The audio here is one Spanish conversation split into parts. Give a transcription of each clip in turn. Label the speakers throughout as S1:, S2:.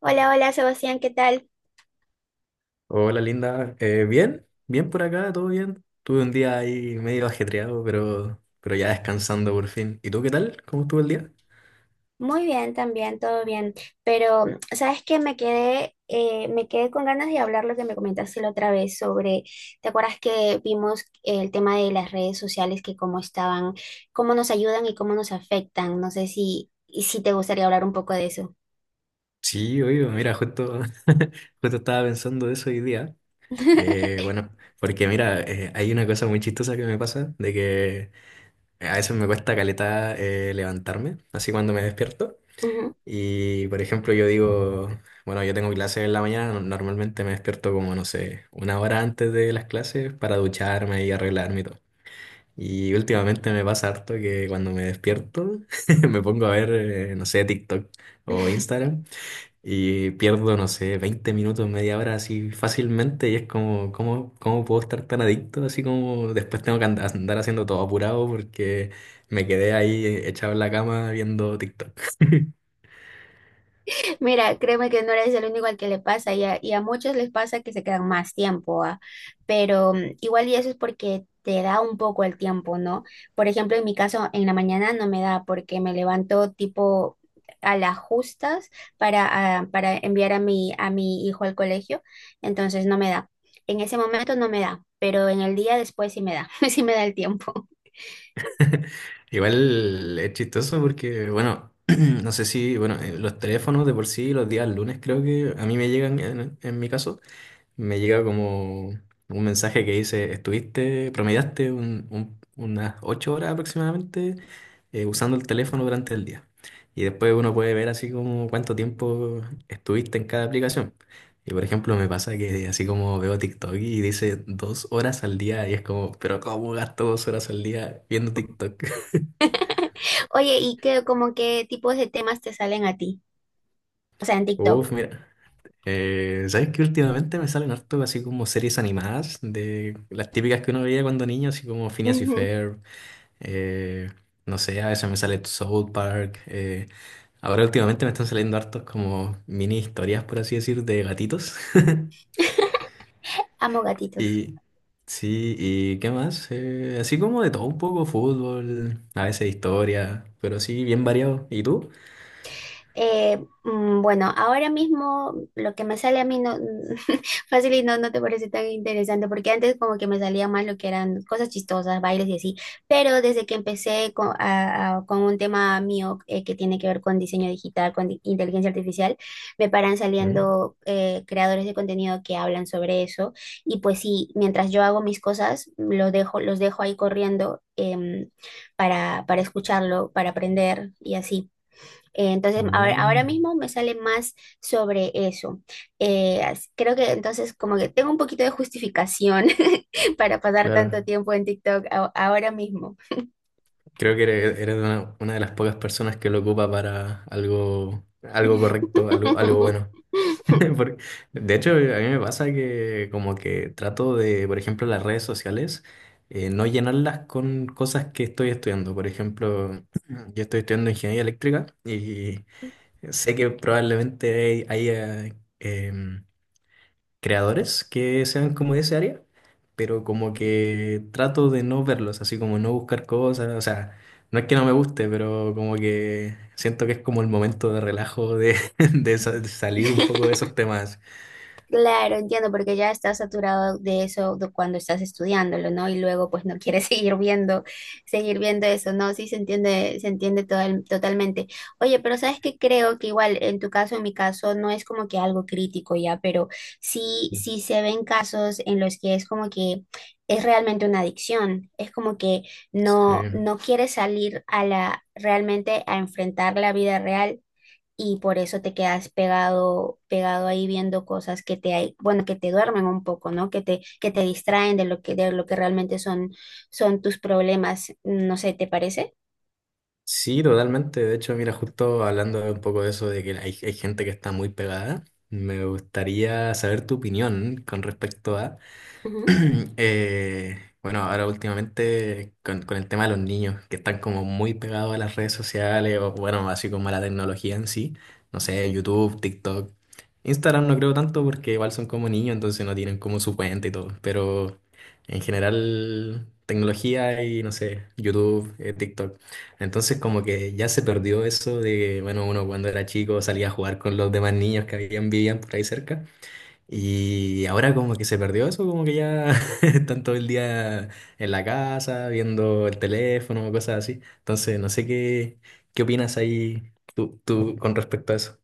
S1: Hola, hola Sebastián, ¿qué tal?
S2: Hola linda. Bien, bien por acá, todo bien. Tuve un día ahí medio ajetreado, pero ya descansando por fin. ¿Y tú qué tal? ¿Cómo estuvo el día?
S1: Muy bien también, todo bien. Pero, ¿sabes qué? Me quedé con ganas de hablar lo que me comentaste la otra vez sobre, ¿te acuerdas que vimos el tema de las redes sociales, que cómo estaban, cómo nos ayudan y cómo nos afectan? No sé si te gustaría hablar un poco de eso.
S2: Sí, oye, mira, justo estaba pensando de eso hoy día. Bueno, porque mira, hay una cosa muy chistosa que me pasa, de que a veces me cuesta caleta levantarme, así cuando me despierto. Y por ejemplo, yo digo, bueno, yo tengo clases en la mañana, normalmente me despierto como, no sé, una hora antes de las clases para ducharme y arreglarme y todo. Y últimamente me pasa harto que cuando me despierto me pongo a ver, no sé, TikTok o
S1: Ujú.
S2: Instagram y pierdo, no sé, 20 minutos, media hora así fácilmente y es como, ¿ cómo puedo estar tan adicto? Así como después tengo que andar haciendo todo apurado porque me quedé ahí echado en la cama viendo TikTok.
S1: Mira, créeme que no eres el único al que le pasa y a muchos les pasa que se quedan más tiempo, ¿ah? Pero igual y eso es porque te da un poco el tiempo, ¿no? Por ejemplo, en mi caso, en la mañana no me da porque me levanto tipo a las justas para, para enviar a mi hijo al colegio, entonces no me da. En ese momento no me da, pero en el día después sí me da, sí me da el tiempo.
S2: Igual es chistoso porque, bueno, no sé si, bueno, los teléfonos de por sí los días lunes creo que a mí me llegan en mi caso. Me llega como un mensaje que dice, estuviste, promediaste unas 8 horas aproximadamente usando el teléfono durante el día. Y después uno puede ver así como cuánto tiempo estuviste en cada aplicación. Y por ejemplo, me pasa que así como veo TikTok y dice 2 horas al día y es como, pero ¿cómo gasto 2 horas al día viendo TikTok?
S1: Oye, ¿y qué, como qué tipos de temas te salen a ti? O sea, en TikTok.
S2: Uf, mira. ¿Sabes qué? Últimamente me salen harto así como series animadas de las típicas que uno veía cuando niño, así como Phineas y Ferb. Eh, no sé, a veces me sale South Park. Ahora últimamente me están saliendo hartos como mini historias, por así decir, de gatitos.
S1: Amo gatitos.
S2: Y sí, ¿y qué más? Así como de todo un poco, fútbol, a veces historia, pero sí, bien variado. ¿Y tú?
S1: Eh, bueno, ahora mismo lo que me sale a mí no fácil y no te parece tan interesante, porque antes como que me salía más lo que eran cosas chistosas, bailes y así, pero desde que empecé con un tema mío que tiene que ver con diseño digital, con inteligencia artificial, me paran
S2: Mm,
S1: saliendo creadores de contenido que hablan sobre eso, y pues sí, mientras yo hago mis cosas, los dejo ahí corriendo para escucharlo, para aprender y así. Entonces, ahora
S2: mm.
S1: mismo me sale más sobre eso. Creo que entonces como que tengo un poquito de justificación para pasar tanto
S2: Claro,
S1: tiempo en TikTok ahora mismo.
S2: creo que eres, una de las pocas personas que lo ocupa para algo, algo correcto, algo, algo bueno. Por- De hecho, a mí me pasa que como que trato de, por ejemplo, las redes sociales, no llenarlas con cosas que estoy estudiando. Por ejemplo, yo estoy estudiando ingeniería eléctrica y sé que probablemente haya em, creadores que sean como de ese área, pero como que trato de no verlos, así como no buscar cosas, o sea, no es que no me guste, pero como que siento que es como el momento de relajo de, de de salir un poco de esos temas.
S1: Claro, entiendo, porque ya estás saturado de eso de cuando estás estudiándolo, ¿no? Y luego pues no quieres seguir viendo, eso, ¿no? Sí se entiende, totalmente. Oye, pero sabes que creo que igual en tu caso, en mi caso, no es como que algo crítico ya, pero sí se ven casos en los que es como que es realmente una adicción. Es como que
S2: Sí.
S1: no quieres salir a la, realmente a enfrentar la vida real, y por eso te quedas pegado, ahí viendo cosas que te hay, bueno, que te duermen un poco, ¿no? Que te distraen de lo que realmente son, son tus problemas. No sé, ¿te parece?
S2: Sí, totalmente. De hecho, mira, justo hablando un poco de eso, de que hay gente que está muy pegada, me gustaría saber tu opinión con respecto a bueno, ahora últimamente con el tema de los niños que están como muy pegados a las redes sociales o bueno, así como a la tecnología en sí, no sé, YouTube, TikTok, Instagram no creo tanto porque igual son como niños, entonces no tienen como su cuenta y todo, pero en general tecnología y no sé, YouTube, TikTok. Entonces como que ya se perdió eso de, bueno, uno cuando era chico salía a jugar con los demás niños que habían, vivían por ahí cerca. Y ahora como que se perdió eso, como que ya están todo el día en la casa, viendo el teléfono, cosas así. Entonces, no sé qué, qué opinas ahí tú con respecto a eso.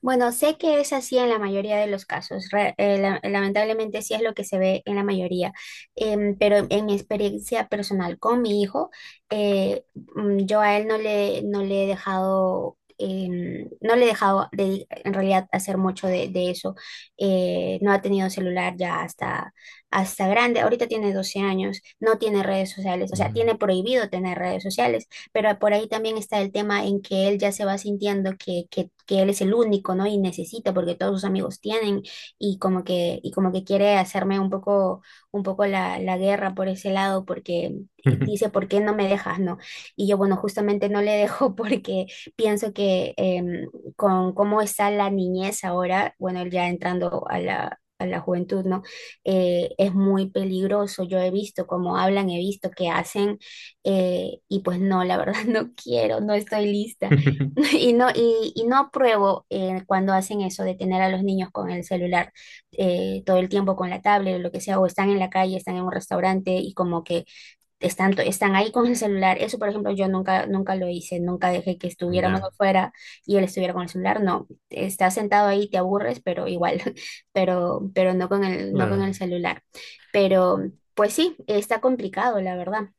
S1: Bueno, sé que es así en la mayoría de los casos. Lamentablemente sí es lo que se ve en la mayoría. Pero en mi experiencia personal con mi hijo, eh, yo a él no le he dejado, no le he dejado en realidad hacer mucho de eso. No ha tenido celular ya hasta grande. Ahorita tiene 12 años, no tiene redes sociales, o sea, tiene
S2: Mm.
S1: prohibido tener redes sociales, pero por ahí también está el tema en que él ya se va sintiendo que él es el único, ¿no? Y necesita, porque todos sus amigos tienen, y como que quiere hacerme un poco la, la guerra por ese lado, porque dice, ¿por qué no me dejas, no? Y yo, bueno, justamente no le dejo porque pienso que con cómo está la niñez ahora, bueno, él ya entrando a la juventud, ¿no? Es muy peligroso. Yo he visto cómo hablan, he visto que hacen, y pues no, la verdad no quiero, no estoy lista. Y no, y no apruebo cuando hacen eso de tener a los niños con el celular todo el tiempo, con la tablet o lo que sea, o están en la calle, están en un restaurante y como que están, están ahí con el celular. Eso, por ejemplo, yo nunca, nunca lo hice, nunca dejé que estuviéramos
S2: Ya,
S1: afuera y él estuviera con el celular. No, estás sentado ahí, te aburres, pero igual, pero no con el, no con el
S2: claro.
S1: celular. Pero pues sí, está complicado, la verdad.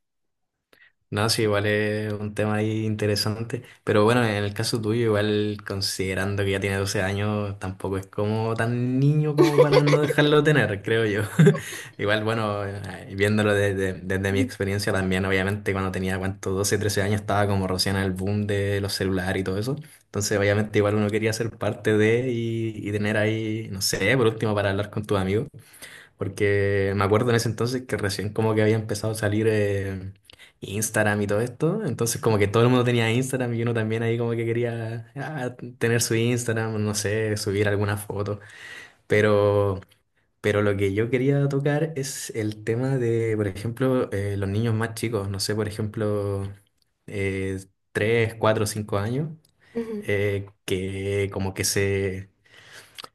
S2: No, sí, igual es un tema ahí interesante, pero bueno, en el caso tuyo, igual considerando que ya tiene 12 años, tampoco es como tan niño como para no dejarlo tener, creo yo. Igual, bueno, viéndolo desde, desde mi experiencia también, obviamente cuando tenía, ¿cuánto? 12 13 años estaba como recién en el boom de los celulares y todo eso. Entonces, obviamente igual uno quería ser parte de y tener ahí, no sé, por último, para hablar con tus amigos. Porque me acuerdo en ese entonces que recién como que había empezado a salir Instagram y todo esto. Entonces como que todo el mundo tenía Instagram y uno también ahí como que quería ah, tener su Instagram, no sé, subir alguna foto. Pero, pero lo que yo quería tocar es el tema de, por ejemplo, los niños más chicos. No sé, por ejemplo, eh, 3, 4, 5 años. Que como que se...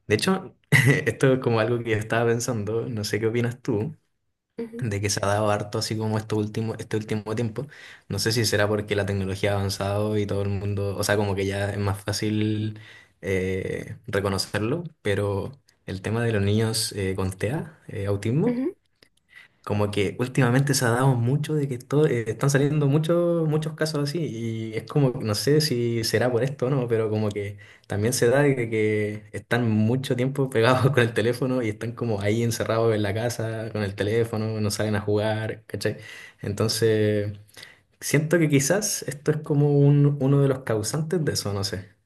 S2: De hecho, esto es como algo que yo estaba pensando. No sé qué opinas tú
S1: Ujú,
S2: de que se ha dado harto así como este último tiempo. No sé si será porque la tecnología ha avanzado y todo el mundo, o sea, como que ya es más fácil reconocerlo, pero el tema de los niños con TEA, autismo,
S1: ujú.
S2: como que últimamente se ha dado mucho de que están saliendo muchos muchos casos así y es como, que no sé si será por esto o no, pero como que también se da de que están mucho tiempo pegados con el teléfono y están como ahí encerrados en la casa con el teléfono, no salen a jugar, ¿cachai? Entonces, siento que quizás esto es como uno de los causantes de eso, no sé.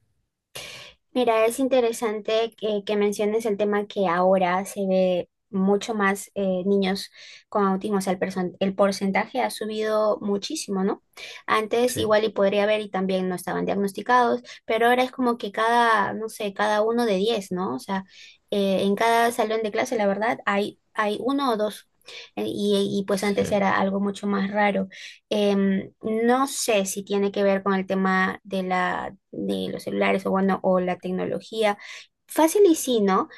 S1: Mira, es interesante que menciones el tema que ahora se ve mucho más niños con autismo, o sea, el porcentaje ha subido muchísimo, ¿no? Antes
S2: Sí,
S1: igual y podría haber y también no estaban diagnosticados, pero ahora es como que cada, no sé, cada uno de diez, ¿no? O sea, en cada salón de clase, la verdad, hay 1 o 2. Y pues
S2: sí.
S1: antes era algo mucho más raro. No sé si tiene que ver con el tema de la, de los celulares o bueno, o la tecnología. Fácil y sí, ¿no?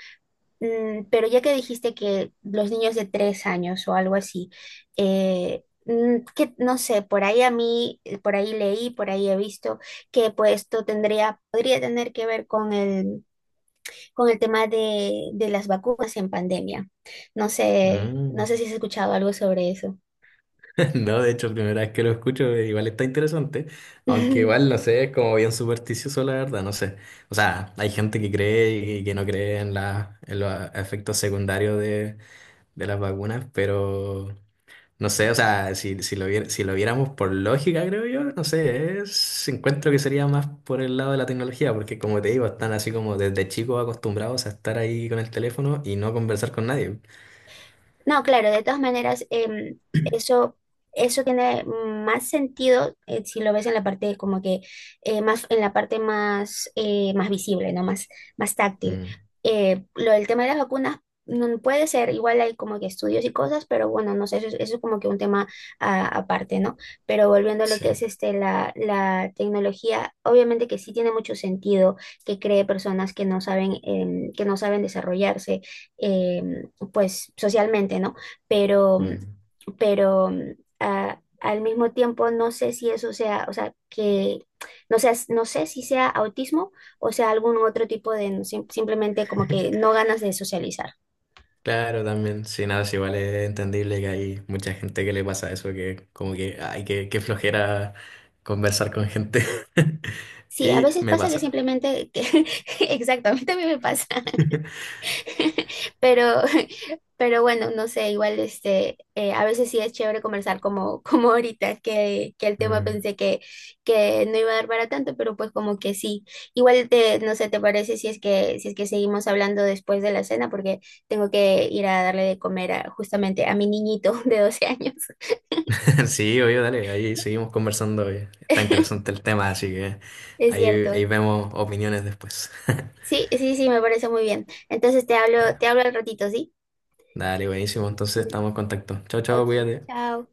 S1: Pero ya que dijiste que los niños de 3 años o algo así, que no sé, por ahí a mí, por ahí leí, por ahí he visto que pues esto tendría, podría tener que ver con el tema de las vacunas en pandemia. No sé, no
S2: Mm.
S1: sé si has escuchado algo sobre eso.
S2: No, de hecho, primera vez que lo escucho, igual está interesante, aunque igual no sé, es como bien supersticioso, la verdad, no sé. O sea, hay gente que cree y que no cree en, en los efectos secundarios de las vacunas, pero no sé, o sea, si, si lo viéramos por lógica, creo yo, no sé, encuentro que sería más por el lado de la tecnología, porque como te digo, están así como desde chicos acostumbrados a estar ahí con el teléfono y no conversar con nadie.
S1: No, claro, de todas maneras, eso, eso tiene más sentido si lo ves en la parte como que en la parte más, más visible, ¿no? Más, más táctil.
S2: Mm,
S1: Lo del tema de las vacunas no puede ser, igual hay como que estudios y cosas, pero bueno, no sé, eso es como que un tema aparte, ¿no? Pero volviendo a lo
S2: sí.
S1: que es este, la tecnología, obviamente que sí tiene mucho sentido que cree personas que no saben, que no saben desarrollarse em, pues socialmente, ¿no? Pero,
S2: Mm.
S1: pero al mismo tiempo no sé si eso sea, o sea, que no sé, no sé si sea autismo o sea algún otro tipo de no, simplemente como que no ganas de socializar.
S2: Claro, también, sí, nada, es igual es entendible que hay mucha gente que le pasa eso, que como que, ay, que flojera conversar con gente.
S1: Sí, a
S2: Y
S1: veces
S2: me
S1: pasa que
S2: pasa.
S1: simplemente, que- exacto, a mí también me pasa, pero. Pero bueno, no sé, igual este, a veces sí es chévere conversar como, como ahorita, que el tema
S2: Mm.
S1: pensé que no iba a dar para tanto, pero pues como que sí. Igual te, no sé, ¿te parece si es que, si es que seguimos hablando después de la cena? Porque tengo que ir a darle de comer justamente a mi niñito de 12 años.
S2: Sí, obvio, dale, ahí seguimos conversando. Oye. Está interesante el tema, así que
S1: Es
S2: ahí
S1: cierto.
S2: vemos opiniones después.
S1: Sí, sí, sí, me parece muy bien. Entonces
S2: Ya,
S1: te hablo al ratito, ¿sí?
S2: dale, buenísimo, entonces
S1: Mm,
S2: estamos en contacto. Chao, chao,
S1: Ok,
S2: cuídate.
S1: chao.